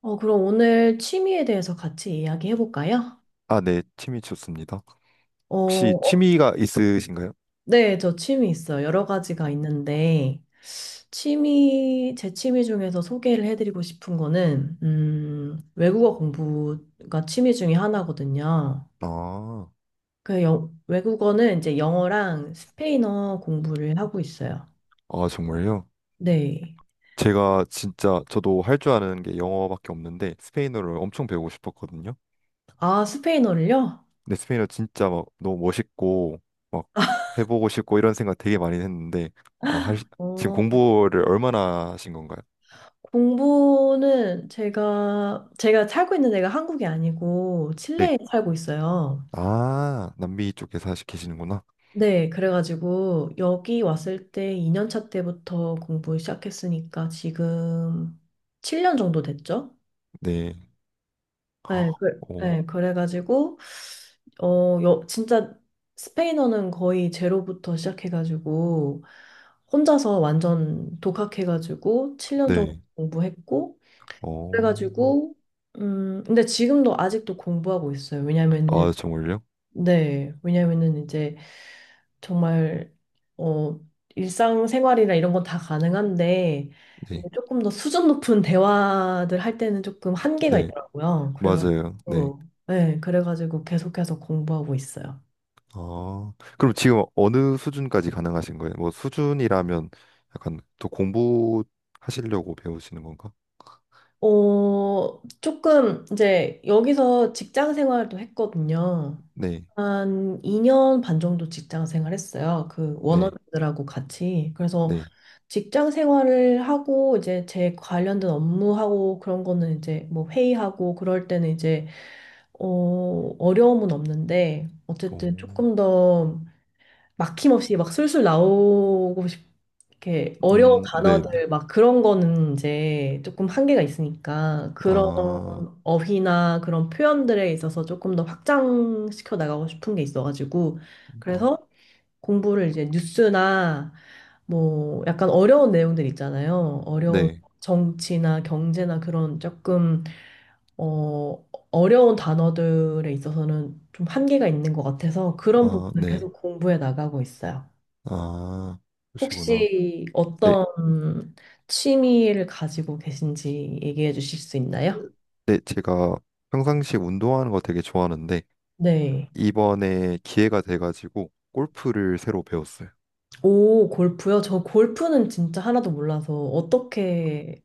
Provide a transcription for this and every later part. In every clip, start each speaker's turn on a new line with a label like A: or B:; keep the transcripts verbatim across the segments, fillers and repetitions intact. A: 어, 그럼 오늘 취미에 대해서 같이 이야기해 볼까요?
B: 아, 네, 취미 좋습니다. 혹시
A: 어,
B: 취미가 있으신가요?
A: 네, 저 취미 있어요. 여러 가지가 있는데, 취미, 제 취미 중에서 소개를 해드리고 싶은 거는 음, 외국어 공부가 취미 중에 하나거든요.
B: 아,
A: 그 영, 외국어는 이제 영어랑 스페인어 공부를 하고 있어요.
B: 아, 정말요?
A: 네.
B: 제가 진짜 저도 할 줄 아는 게 영어밖에 없는데 스페인어를 엄청 배우고 싶었거든요.
A: 아, 스페인어를요?
B: 근데 스페인어 진짜 막 너무 멋있고 막 해보고 싶고 이런 생각 되게 많이 했는데 아, 하 지금
A: 어,
B: 공부를 얼마나 하신 건가요?
A: 공부는 제가, 제가 살고 있는 데가 한국이 아니고
B: 네.
A: 칠레에 살고 있어요.
B: 아, 남미 쪽에 서 계시는구나.
A: 네, 그래가지고 여기 왔을 때 이 년 차 때부터 공부 시작했으니까 지금 칠 년 정도 됐죠?
B: 네.
A: 네,
B: 헉,
A: 그,
B: 어,
A: 네, 그래가지고 어, 여, 진짜 스페인어는 거의 제로부터 시작해가지고 혼자서 완전 독학해가지고 칠 년 정도
B: 네.
A: 공부했고
B: 어.
A: 그래가지고 음, 근데 지금도 아직도 공부하고 있어요. 왜냐면은
B: 아, 정말요?
A: 네, 왜냐면은 이제 정말 어 일상생활이나 이런 건 다 가능한데
B: 네.
A: 이제 조금 더 수준 높은 대화들 할 때는 조금 한계가
B: 네.
A: 있더라고요.
B: 맞아요. 네.
A: 그래가지고 네, 그래가지고 계속해서 공부하고 있어요.
B: 아, 그럼 지금 어느 수준까지 가능하신 거예요? 뭐 수준이라면 약간 더 공부하시려고 배우시는 건가?
A: 어 조금 이제 여기서 직장 생활도 했거든요.
B: 네,
A: 한 이 년 반 정도 직장 생활했어요. 그
B: 네,
A: 원어민들하고 같이. 그래서
B: 네.
A: 직장 생활을 하고 이제 제 관련된 업무하고 그런 거는 이제 뭐 회의하고 그럴 때는 이제 어 어려움은 없는데 어쨌든
B: 오,
A: 조금 더 막힘없이 막 술술 나오고 싶 이렇게 어려운
B: 음, 네, 네.
A: 단어들 막 그런 거는 이제 조금 한계가 있으니까 그런
B: 아,
A: 어휘나 그런 표현들에 있어서 조금 더 확장시켜 나가고 싶은 게 있어가지고
B: 아,
A: 그래서 공부를 이제 뉴스나 뭐 약간 어려운 내용들 있잖아요. 어려운
B: 네,
A: 정치나 경제나 그런 조금 어 어려운 단어들에 있어서는 좀 한계가 있는 것 같아서 그런
B: 아,
A: 부분을
B: 네,
A: 계속 공부해 나가고 있어요.
B: 아, 그러시구나.
A: 혹시
B: 네,
A: 어떤 취미를 가지고 계신지 얘기해 주실 수 있나요?
B: 네, 제가 평상시 운동하는 거 되게 좋아하는데
A: 네.
B: 이번에 기회가 돼가지고 골프를 새로 배웠어요.
A: 오, 골프요? 저 골프는 진짜 하나도 몰라서 어떻게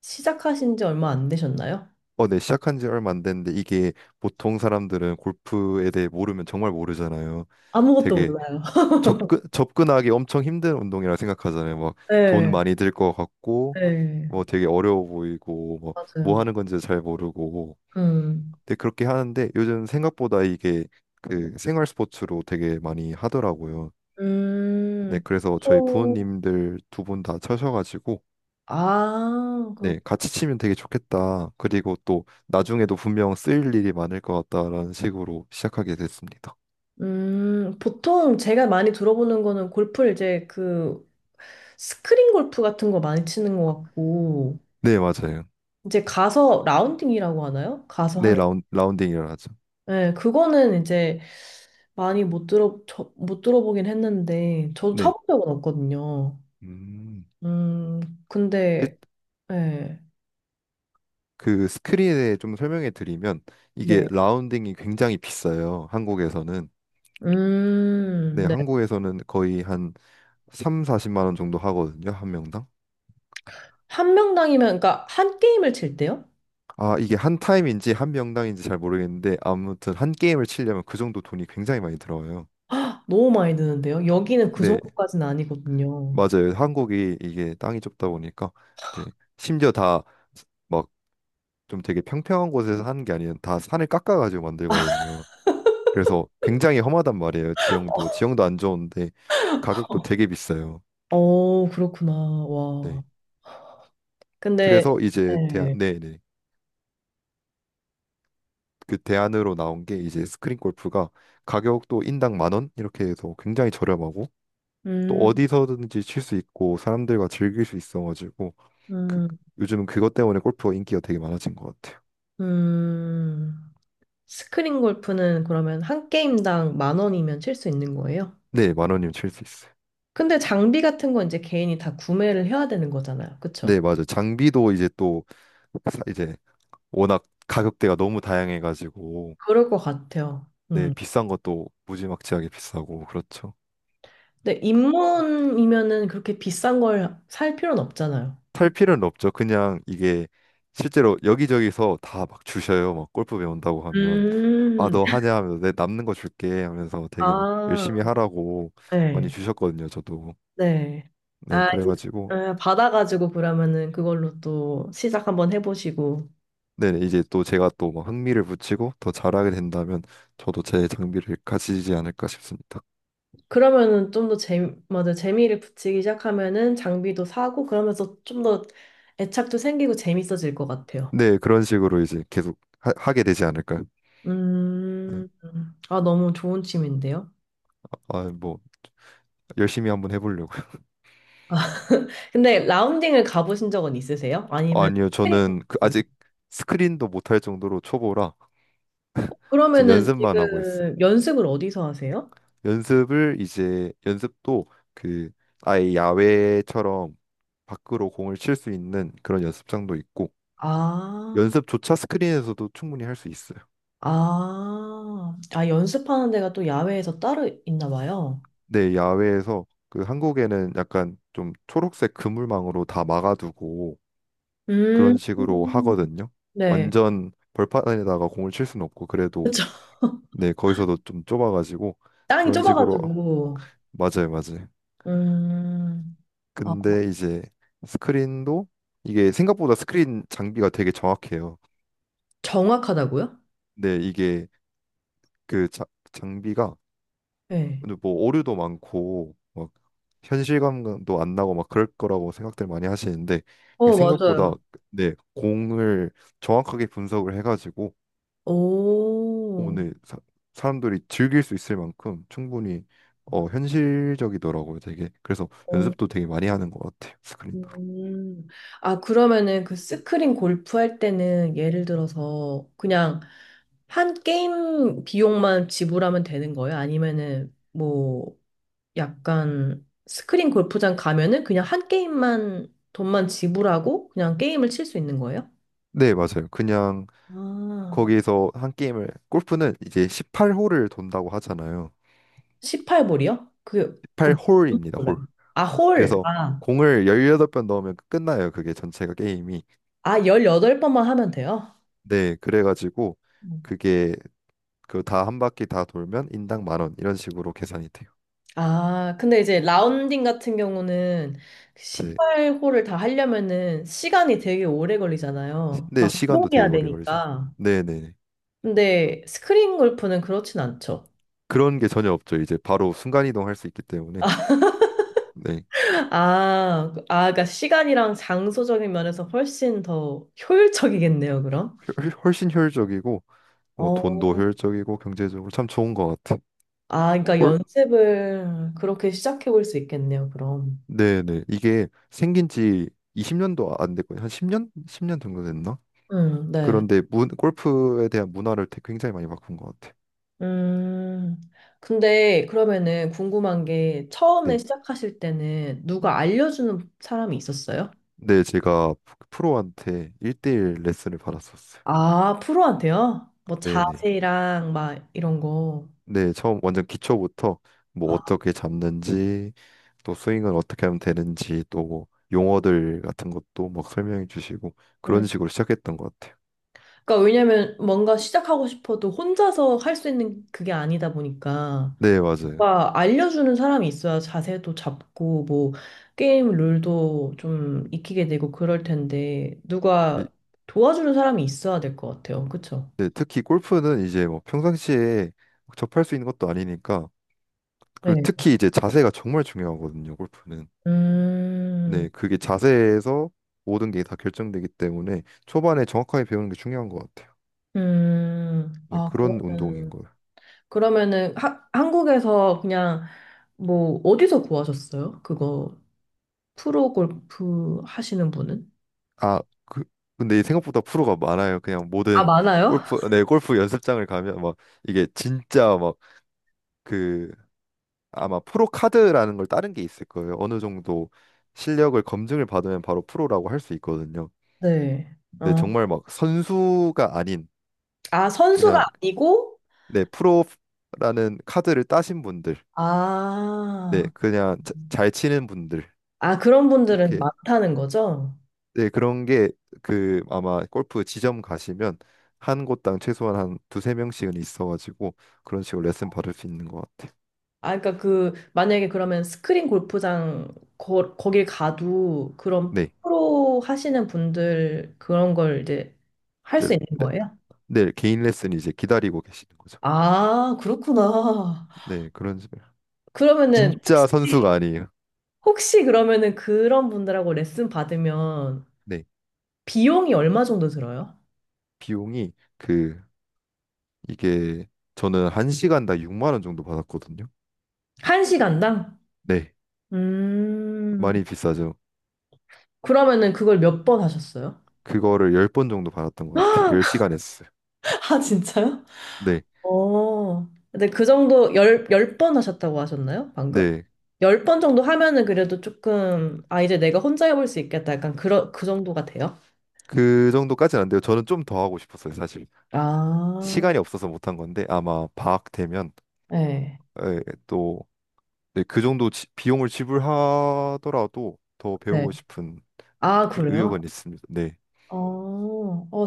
A: 시작하신 지 얼마 안 되셨나요?
B: 어, 네, 시작한 지 얼마 안 됐는데 이게 보통 사람들은 골프에 대해 모르면 정말 모르잖아요.
A: 아무것도
B: 되게
A: 몰라요.
B: 접근 접근하기 엄청 힘든 운동이라 생각하잖아요. 막 돈
A: 네,
B: 많이 들 것 같고
A: 네,
B: 뭐 되게 어려워 보이고 뭐, 뭐
A: 맞아요.
B: 하는 건지 잘 모르고
A: 음,
B: 근데 그렇게 하는데 요즘 생각보다 이게 그 생활 스포츠로 되게 많이 하더라고요. 네,
A: 음,
B: 그래서 저희
A: 보통,
B: 부모님들 두 분 다 쳐셔가지고
A: 아, 그렇,
B: 네, 같이 치면 되게 좋겠다. 그리고 또 나중에도 분명 쓰일 일이 많을 것 같다라는 식으로 시작하게 됐습니다.
A: 음, 보통 제가 많이 들어보는 거는 골프를 이제 그 스크린 골프 같은 거 많이 치는 것 같고,
B: 네, 맞아요.
A: 이제 가서 라운딩이라고 하나요? 가서
B: 네,
A: 하는.
B: 라운, 라운딩이라 하죠.
A: 네, 그거는 이제 많이 못 들어, 저, 못 들어보긴 했는데, 저도
B: 네.
A: 쳐본 적은 없거든요.
B: 음.
A: 음,
B: 일-
A: 근데, 네,
B: 그 스크린에 좀 설명해 드리면 이게
A: 네.
B: 라운딩이 굉장히 비싸요. 한국에서는. 네,
A: 음, 네.
B: 한국에서는 거의 한 삼, 사십만 원 정도 하거든요. 한 명당.
A: 한 명당이면, 그러니까 한 게임을 칠 때요?
B: 아, 이게 한 타임인지 한 명당인지 잘 모르겠는데 아무튼 한 게임을 치려면 그 정도 돈이 굉장히 많이 들어요.
A: 아, 너무 많이 드는데요? 여기는 그
B: 네,
A: 정도까지는 아니거든요.
B: 맞아요. 한국이 이게 땅이 좁다 보니까 이제 심지어 다 막 좀 되게 평평한 곳에서 하는 게 아니라 다 산을 깎아가지고 만들거든요. 그래서 굉장히 험하단 말이에요. 지형도 지형도 안 좋은데 가격도 되게 비싸요.
A: 어, 그렇구나. 와.
B: 네.
A: 근데,
B: 그래서 이제 대안
A: 네.
B: 네네, 그 대안으로 나온 게 이제 스크린 골프가 가격도 인당 만 원 이렇게 해서 굉장히 저렴하고 또
A: 음,
B: 어디서든지 칠 수 있고 사람들과 즐길 수 있어가지고 그,
A: 음,
B: 요즘은 그것 때문에 골프가 인기가 되게 많아진 것 같아요.
A: 음. 스크린 골프는 그러면 한 게임당 만 원이면 칠 수 있는 거예요?
B: 네, 만 원이면 칠 수 있어요.
A: 근데 장비 같은 건 이제 개인이 다 구매를 해야 되는 거잖아요. 그쵸?
B: 네, 맞아요. 장비도 이제 또 사- 이제 워낙 가격대가 너무 다양해가지고
A: 그럴 것 같아요.
B: 네,
A: 음.
B: 비싼 것도 무지막지하게 비싸고 그렇죠.
A: 근데 입문이면은 그렇게 비싼 걸 살 필요는 없잖아요.
B: 살
A: 그-
B: 필요는 없죠. 그냥 이게 실제로 여기저기서 다 막 주셔요. 막 골프 배운다고 하면 아,
A: 음,
B: 너 하냐 하면서 내 남는 거 줄게 하면서 되게 막
A: 아,
B: 열심히 하라고 많이
A: 네,
B: 주셨거든요, 저도.
A: 네.
B: 네,
A: 아, 이제
B: 그래가지고
A: 아, 받아가지고 그러면은 그걸로 또 시작 한번 해보시고.
B: 네, 네, 이제 또 제가 또 막 흥미를 붙이고 더 잘하게 된다면 저도 제 장비를 가지지 않을까 싶습니다.
A: 그러면은 좀 더 재미, 맞아, 재미를 붙이기 시작하면은 장비도 사고 그러면서 좀 더 애착도 생기고 재밌어질 것 같아요.
B: 네, 그런 식으로 이제 계속 하, 게 되지 않을까요? 네.
A: 음, 아, 너무 좋은 취미인데요.
B: 아, 뭐 열심히 한번 해보려고요.
A: 근데 라운딩을 가보신 적은 있으세요?
B: 아,
A: 아니면
B: 니요
A: 스크린?
B: 저는 그 아직 스크린도 못할 정도로 초보라 이제
A: 그러면은
B: 연습만 하고 있어요.
A: 지금 연습을 어디서 하세요?
B: 연습을 이제 연습도 그 아예 야외처럼 밖으로 공을 칠 수 있는 그런 연습장도 있고
A: 아.
B: 연습조차 스크린에서도 충분히 할 수 있어요.
A: 아, 아, 연습하는 데가 또 야외에서 따로 있나 봐요.
B: 네, 야외에서 그 한국에는 약간 좀 초록색 그물망으로 다 막아두고
A: 음,
B: 그런 식으로 하거든요.
A: 네.
B: 완전 벌판에다가 공을 칠 수는 없고 그래도
A: 그쵸.
B: 네, 거기서도 좀 좁아가지고
A: 땅이
B: 그런 식으로
A: 좁아가지고.
B: 맞아요, 맞아요.
A: 음, 아,
B: 근데 이제 스크린도 이게 생각보다 스크린 장비가 되게 정확해요.
A: 정확하다고요?
B: 근데 이게 그 자- 장비가
A: 네.
B: 근데 뭐 오류도 많고 막 현실감도 안 나고 막 그럴 거라고 생각들 많이 하시는데 이게
A: 어,
B: 생각보다
A: 맞아요.
B: 네, 공을 정확하게 분석을 해가지고
A: 오,
B: 오늘 사, 사람들이 즐길 수 있을 만큼 충분히 어, 현실적이더라고요, 되게. 그래서
A: 어,
B: 연습도 되게 많이 하는 것 같아요, 스크린으로.
A: 음. 아, 그러면은 그 스크린 골프 할 때는 예를 들어서 그냥 한 게임 비용만 지불하면 되는 거예요? 아니면은 뭐.. 약간 스크린 골프장 가면은 그냥 한 게임만 돈만 지불하고 그냥 게임을 칠 수 있는 거예요?
B: 네, 맞아요. 그냥
A: 아,
B: 거기에서 한 게임을 골프는 이제 십팔 홀을 돈다고 하잖아요.
A: 십팔 볼이요? 그, 그, 뭔지
B: 십팔 홀입니다,
A: 몰라요.
B: 홀.
A: 아, 홀.
B: 그래서
A: 아,
B: 공을 십팔 번 넣으면 끝나요, 그게 전체가 게임이.
A: 아, 열여덟 번만 하면 돼요?
B: 네, 그래가지고
A: 음.
B: 그게 그 다 한 바퀴 다 돌면 인당 만원 이런 식으로 계산이 돼요.
A: 아, 근데 이제 라운딩 같은 경우는 십팔 홀을 다 하려면은 시간이 되게 오래
B: 네,
A: 걸리잖아요.
B: 네,
A: 막
B: 시간도 되게
A: 이동해야
B: 오래 걸리죠.
A: 되니까.
B: 네네.
A: 근데 스크린 골프는 그렇진 않죠.
B: 그런 게 전혀 없죠. 이제 바로 순간이동할 수 있기 때문에 네,
A: 아, 그- 아, 그러니까 시간이랑 장소적인 면에서 훨씬 더 효율적이겠네요, 그럼.
B: 훨- 훨씬 효율적이고 뭐
A: 어,
B: 돈도 효율적이고 경제적으로 참 좋은 것 같아.
A: 아, 그러니까
B: 꼴
A: 연습을 그렇게 시작해 볼 수 있겠네요, 그럼.
B: 네네, 이게 생긴 지 이십 년도 안 됐거든요. 한 십 년 십 년 정도 됐나?
A: 음, 네.
B: 그런데 문, 골프에 대한 문화를 되- 굉장히 많이 바꾼 것 같아.
A: 음, 근데 그러면은 궁금한 게 처음에
B: 네,
A: 시작하실 때는 누가 알려주는 사람이 있었어요?
B: 네, 제가 프로한테 일 대일 레슨을 받았었어요.
A: 아, 프로한테요? 뭐
B: 네네.
A: 자세랑 막 이런 거.
B: 네, 처음 완전 기초부터 뭐
A: 아,
B: 어떻게 잡는지 또 스윙을 어떻게 하면 되는지 또뭐 용어들 같은 것도 막 설명해 주시고 그런
A: 음.
B: 식으로 시작했던 것 같아요.
A: 그러니까 왜냐면 뭔가 시작하고 싶어도 혼자서 할 수 있는 그게 아니다 보니까.
B: 네, 맞아요.
A: 뭔가 알려주는 사람이 있어야 자세도 잡고 뭐 게임 룰도 좀 익히게 되고 그럴 텐데
B: 이-
A: 누가 도와주는 사람이 있어야 될 것 같아요. 그쵸?
B: 네, 특히 골프는 이제 뭐 평상시에 접할 수 있는 것도 아니니까 그리고
A: 네.
B: 특히 이제 자세가 정말 중요하거든요, 골프는.
A: 음,
B: 네, 그게 자세에서 모든 게 다 결정되기 때문에 초반에 정확하게 배우는 게 중요한 것 같아요.
A: 음,
B: 네,
A: 아,
B: 그런 운동인
A: 그러면,
B: 거예요.
A: 그러면은 하, 한국에서 그냥 뭐 어디서 구하셨어요? 그거 프로 골프 하시는 분은?
B: 아, 그, 근데 생각보다 프로가 많아요. 그냥
A: 아,
B: 모든
A: 많아요?
B: 골프, 네, 골프 연습장을 가면 막 이게 진짜 막 그 아마 프로 카드라는 걸 따는 게 있을 거예요. 어느 정도 실력을 검증을 받으면 바로 프로라고 할 수 있거든요.
A: 네.
B: 네,
A: 어.
B: 정말 막 선수가 아닌
A: 아, 선수가
B: 그냥
A: 아니고?
B: 네, 프로라는 카드를 따신 분들, 네,
A: 아.
B: 그냥 자- 잘 치는 분들
A: 아, 그런 분들은
B: 이렇게.
A: 많다는 거죠?
B: 네, 그런 게 그 아마 골프 지점 가시면 한 곳당 최소한 한 두세 명씩은 있어가지고 그런 식으로 레슨 받을 수 있는 것 같아요.
A: 아, 그러니까 그, 만약에 그러면 스크린 골프장 거, 거길 가도 그런
B: 네,
A: 프로 하시는 분들 그런 걸 이제 할
B: 이제
A: 수 있는
B: 레-
A: 거예요?
B: 네, 개인 레슨이 이제 기다리고 계시는 거죠.
A: 아, 그렇구나.
B: 네, 그런 식으로.
A: 그러면은
B: 진짜
A: 혹시,
B: 선수가 아니에요.
A: 혹시 그러면은 그런 분들하고 레슨 받으면
B: 네,
A: 비용이 얼마 정도 들어요?
B: 비용이 그 이게 저는 한 시간당 육만 원 정도 받았거든요.
A: 한 시간당?
B: 네,
A: 음,
B: 많이 비싸죠.
A: 그러면은 그걸 몇 번 하셨어요?
B: 그거를 열 번 정도 받았던 것 같아요. 열 시간 했어요.
A: 아, 진짜요?
B: 네,
A: 어, 근데 그 정도 열, 열 번 하셨다고 하셨나요? 방금?
B: 네,
A: 열 번 정도 하면은 그래도 조금, 아, 이제 내가 혼자 해볼 수 있겠다. 약간 그러, 그 정도가 돼요?
B: 그 정도까지는 안 돼요. 저는 좀 더 하고 싶었어요, 사실. 시간이
A: 아,
B: 없어서 못한 건데 아마 방학 되면
A: 네.
B: 또 그 정도 지- 비용을 지불하더라도 더
A: 네.
B: 배우고 싶은
A: 아,
B: 그
A: 그래요?
B: 의욕은 있습니다. 네.
A: 어, 어,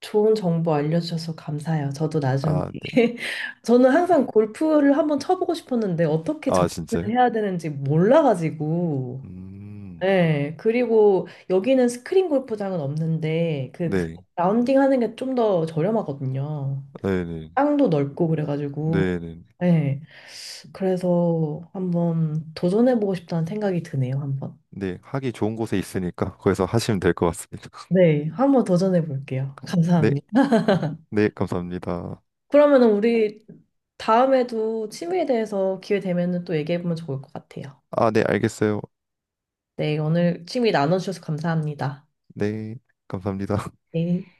A: 좋은 정보 알려주셔서 감사해요. 저도 나중에.
B: 아, 네.
A: 저는 항상 골프를 한번 쳐보고 싶었는데 어떻게
B: 아, 진짜요?
A: 접근을 해야 되는지 몰라가지고.
B: 음.
A: 네, 그리고 여기는 스크린 골프장은 없는데 그, 그
B: 네.
A: 라운딩 하는 게 좀 더 저렴하거든요.
B: 네, 네.
A: 땅도 넓고 그래가지고
B: 네, 네.
A: 네, 그래서 한번 도전해보고 싶다는 생각이 드네요, 한번.
B: 네. 하기 좋은 곳에 있으니까 거기서 하시면 될 것 같습니다.
A: 네, 한번 도전해볼게요.
B: 네.
A: 감사합니다.
B: 네, 감사합니다.
A: 그러면 우리 다음에도 취미에 대해서 기회 되면 또 얘기해보면 좋을 것 같아요.
B: 아, 네, 알겠어요.
A: 네, 오늘 취미 나눠주셔서 감사합니다.
B: 네. 감사합니다.
A: 네.